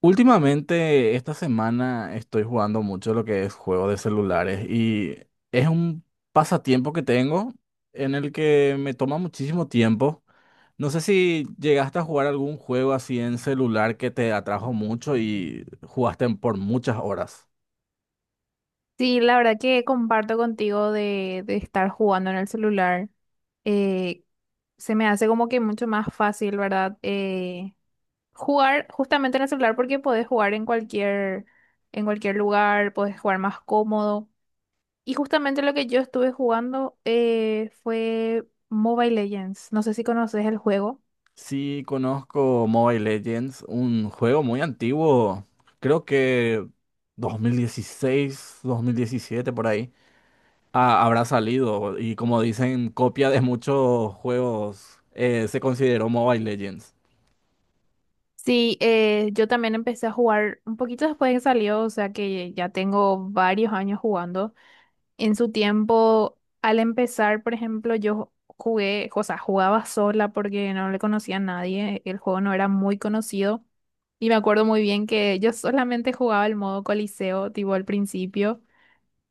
Últimamente, esta semana estoy jugando mucho lo que es juego de celulares y es un pasatiempo que tengo en el que me toma muchísimo tiempo. No sé si llegaste a jugar algún juego así en celular que te atrajo mucho y jugaste por muchas horas. Sí, la verdad que comparto contigo de estar jugando en el celular. Eh, Se me hace como que mucho más fácil, ¿verdad? Jugar justamente en el celular porque podés jugar en en cualquier lugar, podés jugar más cómodo. Y justamente lo que yo estuve jugando fue Mobile Legends. No sé si conoces el juego. Sí, conozco Mobile Legends, un juego muy antiguo, creo que dos mil dieciséis, 2017 por ahí. Ah, habrá salido y, como dicen, copia de muchos juegos, se consideró Mobile Legends. Sí, yo también empecé a jugar un poquito después de que salió, o sea que ya tengo varios años jugando. En su tiempo, al empezar, por ejemplo, yo jugué, o sea, jugaba sola porque no le conocía a nadie, el juego no era muy conocido y me acuerdo muy bien que yo solamente jugaba el modo Coliseo, tipo al principio,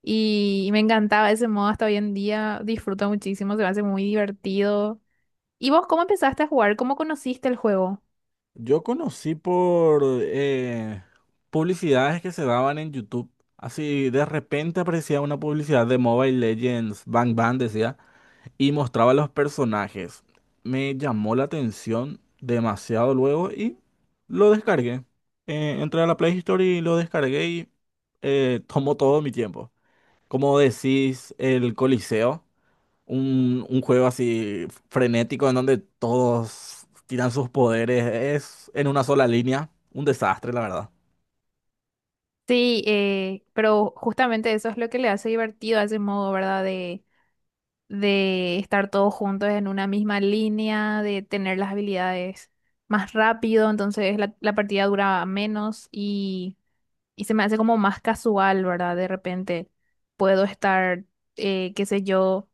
y me encantaba ese modo hasta hoy en día, disfruto muchísimo, se me hace muy divertido. ¿Y vos cómo empezaste a jugar? ¿Cómo conociste el juego? Yo conocí por publicidades que se daban en YouTube. Así de repente aparecía una publicidad de Mobile Legends, Bang Bang decía, y mostraba los personajes. Me llamó la atención demasiado luego y lo descargué. Entré a la Play Store y lo descargué y tomó todo mi tiempo. Como decís, el Coliseo. Un juego así frenético en donde todos tiran sus poderes. Es en una sola línea. Un desastre, la verdad. Sí, pero justamente eso es lo que le hace divertido a ese modo, ¿verdad? De estar todos juntos en una misma línea, de tener las habilidades más rápido, entonces la partida dura menos y se me hace como más casual, ¿verdad? De repente puedo estar, qué sé yo,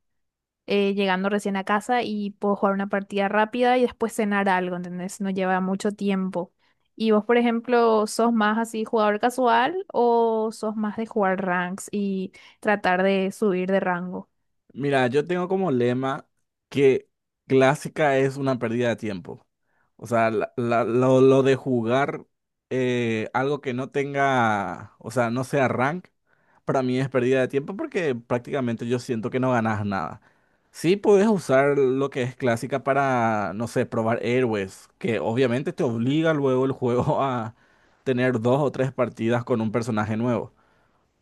llegando recién a casa y puedo jugar una partida rápida y después cenar algo, ¿entendés? No lleva mucho tiempo. ¿Y vos, por ejemplo, sos más así jugador casual o sos más de jugar ranks y tratar de subir de rango? Mira, yo tengo como lema que clásica es una pérdida de tiempo. O sea, lo de jugar algo que no tenga, o sea, no sea rank, para mí es pérdida de tiempo porque prácticamente yo siento que no ganas nada. Sí puedes usar lo que es clásica para, no sé, probar héroes, que obviamente te obliga luego el juego a tener dos o tres partidas con un personaje nuevo,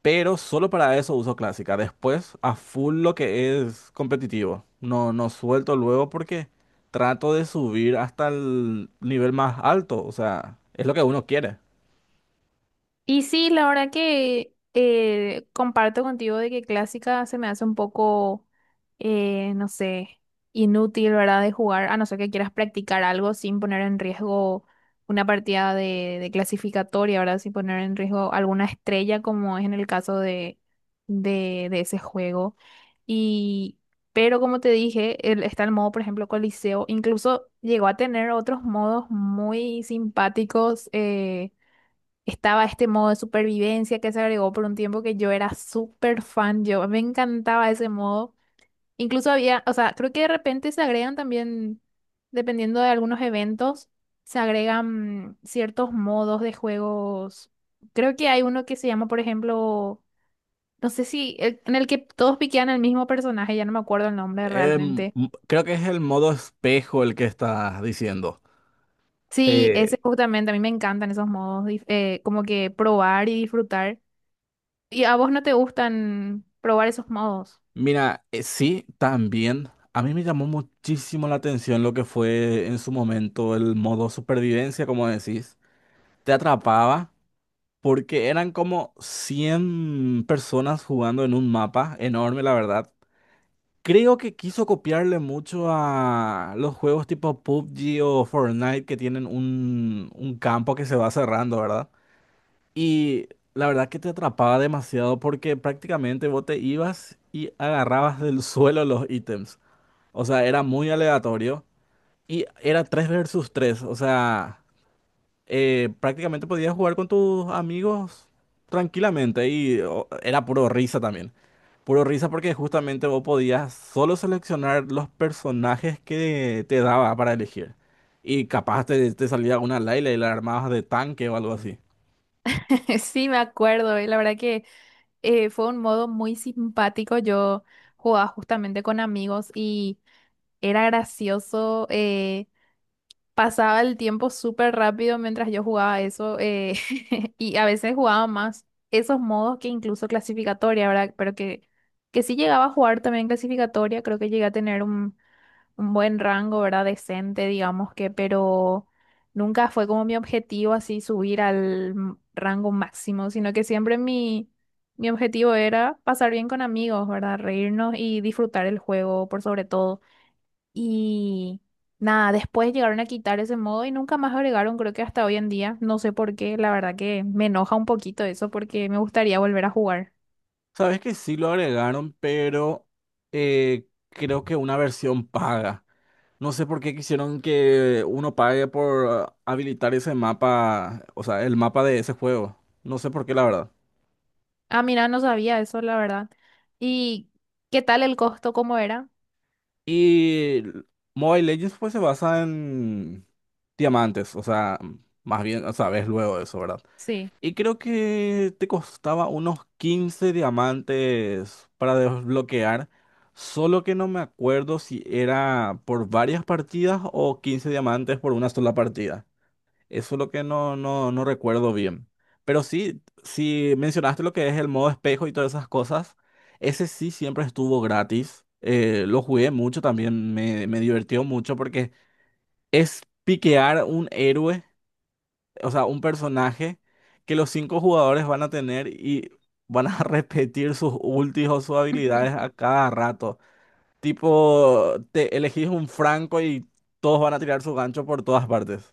pero solo para eso uso clásica. Después, a full lo que es competitivo. No, no suelto luego porque trato de subir hasta el nivel más alto. O sea, es lo que uno quiere. Y sí, la verdad que comparto contigo de que clásica se me hace un poco, no sé, inútil, ¿verdad? De jugar, a no ser que quieras practicar algo sin poner en riesgo una partida de clasificatoria, ¿verdad? Sin poner en riesgo alguna estrella, como es en el caso de ese juego. Y, pero como te dije, está el modo, por ejemplo, Coliseo. Incluso llegó a tener otros modos muy simpáticos. Estaba este modo de supervivencia que se agregó por un tiempo que yo era súper fan, yo me encantaba ese modo. Incluso había, o sea, creo que de repente se agregan también, dependiendo de algunos eventos, se agregan ciertos modos de juegos. Creo que hay uno que se llama, por ejemplo, no sé si, el- en el que todos piquean al mismo personaje, ya no me acuerdo el nombre realmente. Creo que es el modo espejo el que estás diciendo. Sí, ese Eh, justamente, a mí me encantan esos modos, como que probar y disfrutar. ¿Y a vos no te gustan probar esos modos? mira, sí, también. A mí me llamó muchísimo la atención lo que fue en su momento el modo supervivencia, como decís. Te atrapaba, porque eran como 100 personas jugando en un mapa enorme, la verdad. Creo que quiso copiarle mucho a los juegos tipo PUBG o Fortnite, que tienen un campo que se va cerrando, ¿verdad? Y la verdad que te atrapaba demasiado porque prácticamente vos te ibas y agarrabas del suelo los ítems. O sea, era muy aleatorio y era 3 versus 3. O sea, prácticamente podías jugar con tus amigos tranquilamente y, o, era puro risa también. Puro risa porque justamente vos podías solo seleccionar los personajes que te daba para elegir. Y capaz te salía una Layla y la armabas de tanque o algo así. Sí, me acuerdo, y la verdad que fue un modo muy simpático. Yo jugaba justamente con amigos y era gracioso. Pasaba el tiempo súper rápido mientras yo jugaba eso. Y a veces jugaba más esos modos que incluso clasificatoria, ¿verdad? Pero que sí llegaba a jugar también clasificatoria. Creo que llegué a tener un buen rango, ¿verdad? Decente, digamos que, pero nunca fue como mi objetivo así subir al rango máximo, sino que siempre mi objetivo era pasar bien con amigos, ¿verdad? Reírnos y disfrutar el juego por sobre todo. Y nada, después llegaron a quitar ese modo y nunca más agregaron, creo que hasta hoy en día, no sé por qué, la verdad que me enoja un poquito eso porque me gustaría volver a jugar. Sabes que sí lo agregaron, pero creo que una versión paga. No sé por qué quisieron que uno pague por ah, habilitar ese mapa, o sea, el mapa de ese juego. No sé por qué, la verdad. Ah, mira, no sabía eso, la verdad. ¿Y qué tal el costo? ¿Cómo era? Y Mobile Legends pues se basa en diamantes, o sea, más bien, o sea, ves luego eso, ¿verdad? Sí. Y creo que te costaba unos 15 diamantes para desbloquear, solo que no me acuerdo si era por varias partidas o 15 diamantes por una sola partida. Eso es lo que no recuerdo bien. Pero sí, si mencionaste lo que es el modo espejo y todas esas cosas, ese sí siempre estuvo gratis. Lo jugué mucho también, me divirtió mucho porque es piquear un héroe, o sea, un personaje que los 5 jugadores van a tener y van a repetir sus ultis o sus habilidades a cada rato. Tipo, te elegís un Franco y todos van a tirar su gancho por todas partes.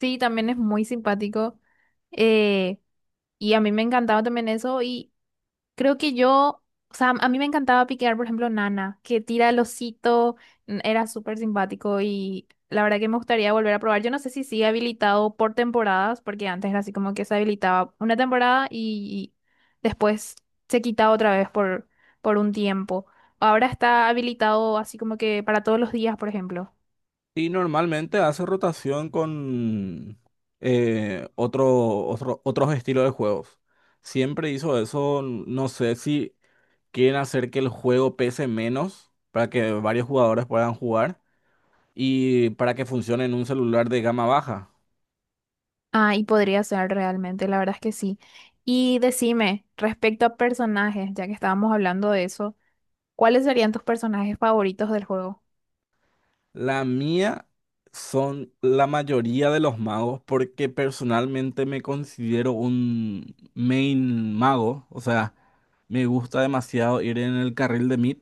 Sí, también es muy simpático. eh, y a mí me encantaba también eso. Y creo que o sea, a mí me encantaba piquear, por ejemplo, Nana, que tira el osito. Era súper simpático y la verdad que me gustaría volver a probar. Yo no sé si sigue habilitado por temporadas, porque antes era así como que se habilitaba una temporada y, después se quitaba otra vez por un tiempo. Ahora está habilitado así como que para todos los días, por ejemplo. Y normalmente hace rotación con otros estilos de juegos. Siempre hizo eso, n- no sé si quieren hacer que el juego pese menos para que varios jugadores puedan jugar y para que funcione en un celular de gama baja. Ah, y podría ser realmente, la verdad es que sí. Y decime, respecto a personajes, ya que estábamos hablando de eso, ¿cuáles serían tus personajes favoritos del juego? La mía son la mayoría de los magos porque personalmente me considero un main mago, o sea, me gusta demasiado ir en el carril de mid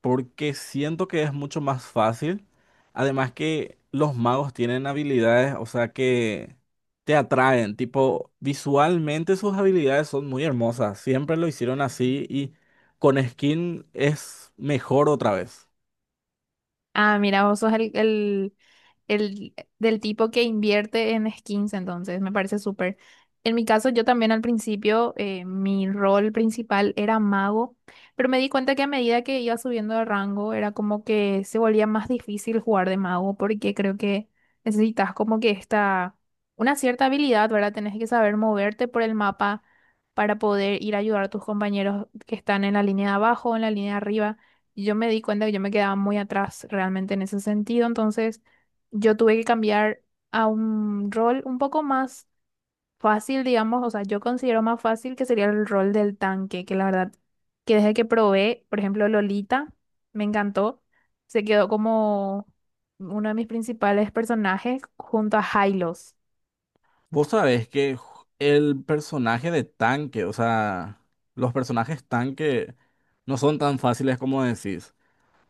porque siento que es mucho más fácil. Además que los magos tienen habilidades, o sea, que te atraen, tipo, visualmente sus habilidades son muy hermosas, siempre lo hicieron así y con skin es mejor otra vez. Ah, mira, vos sos el del tipo que invierte en skins, entonces me parece súper. En mi caso, yo también al principio, mi rol principal era mago, pero me di cuenta que a medida que iba subiendo de rango, era como que se volvía más difícil jugar de mago, porque creo que necesitas una cierta habilidad, ¿verdad? Tenés que saber moverte por el mapa para poder ir a ayudar a tus compañeros que están en la línea de abajo, en la línea de arriba. Y yo me di cuenta que yo me quedaba muy atrás realmente en ese sentido, entonces yo tuve que cambiar a un rol un poco más fácil, digamos, o sea, yo considero más fácil que sería el rol del tanque, que la verdad, que desde que probé, por ejemplo, Lolita, me encantó, se quedó como uno de mis principales personajes junto a Hylos. Vos sabés que ju- el personaje de tanque, o sea, los personajes tanque no son tan fáciles como decís.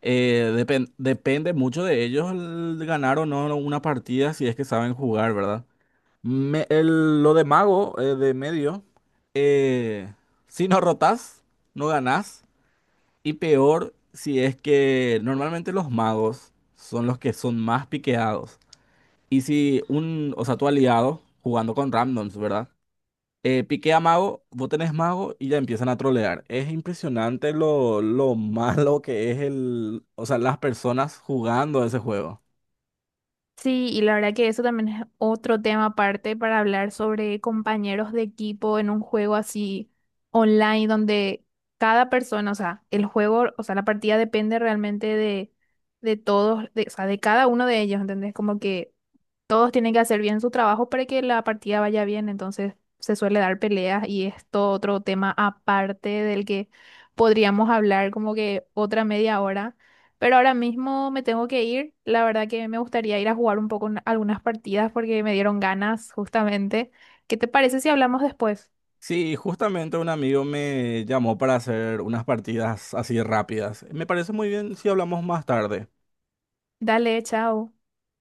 Depen- depende mucho de ellos el ganar o no una partida si es que saben jugar, ¿verdad? Me- el- lo de mago, de medio, eh, si no rotas, no ganás. Y peor si es que normalmente los magos son los que son más piqueados. Y si un, o sea, tu aliado jugando con randoms, ¿verdad? Piqué a mago, vos tenés mago y ya empiezan a trolear. Es impresionante lo malo que es el, o sea, las personas jugando ese juego. Sí, y la verdad que eso también es otro tema aparte para hablar sobre compañeros de equipo en un juego así online donde cada persona, o sea, el juego, o sea, la partida depende realmente de todos, de, o sea, de cada uno de ellos, ¿entendés? Como que todos tienen que hacer bien su trabajo para que la partida vaya bien, entonces se suele dar peleas y esto otro tema aparte del que podríamos hablar como que otra media hora, pero ahora mismo me tengo que ir. La verdad que me gustaría ir a jugar un poco en algunas partidas porque me dieron ganas justamente. ¿Qué te parece si hablamos después? Sí, justamente un amigo me llamó para hacer unas partidas así rápidas. Me parece muy bien si hablamos más tarde. Dale, chao.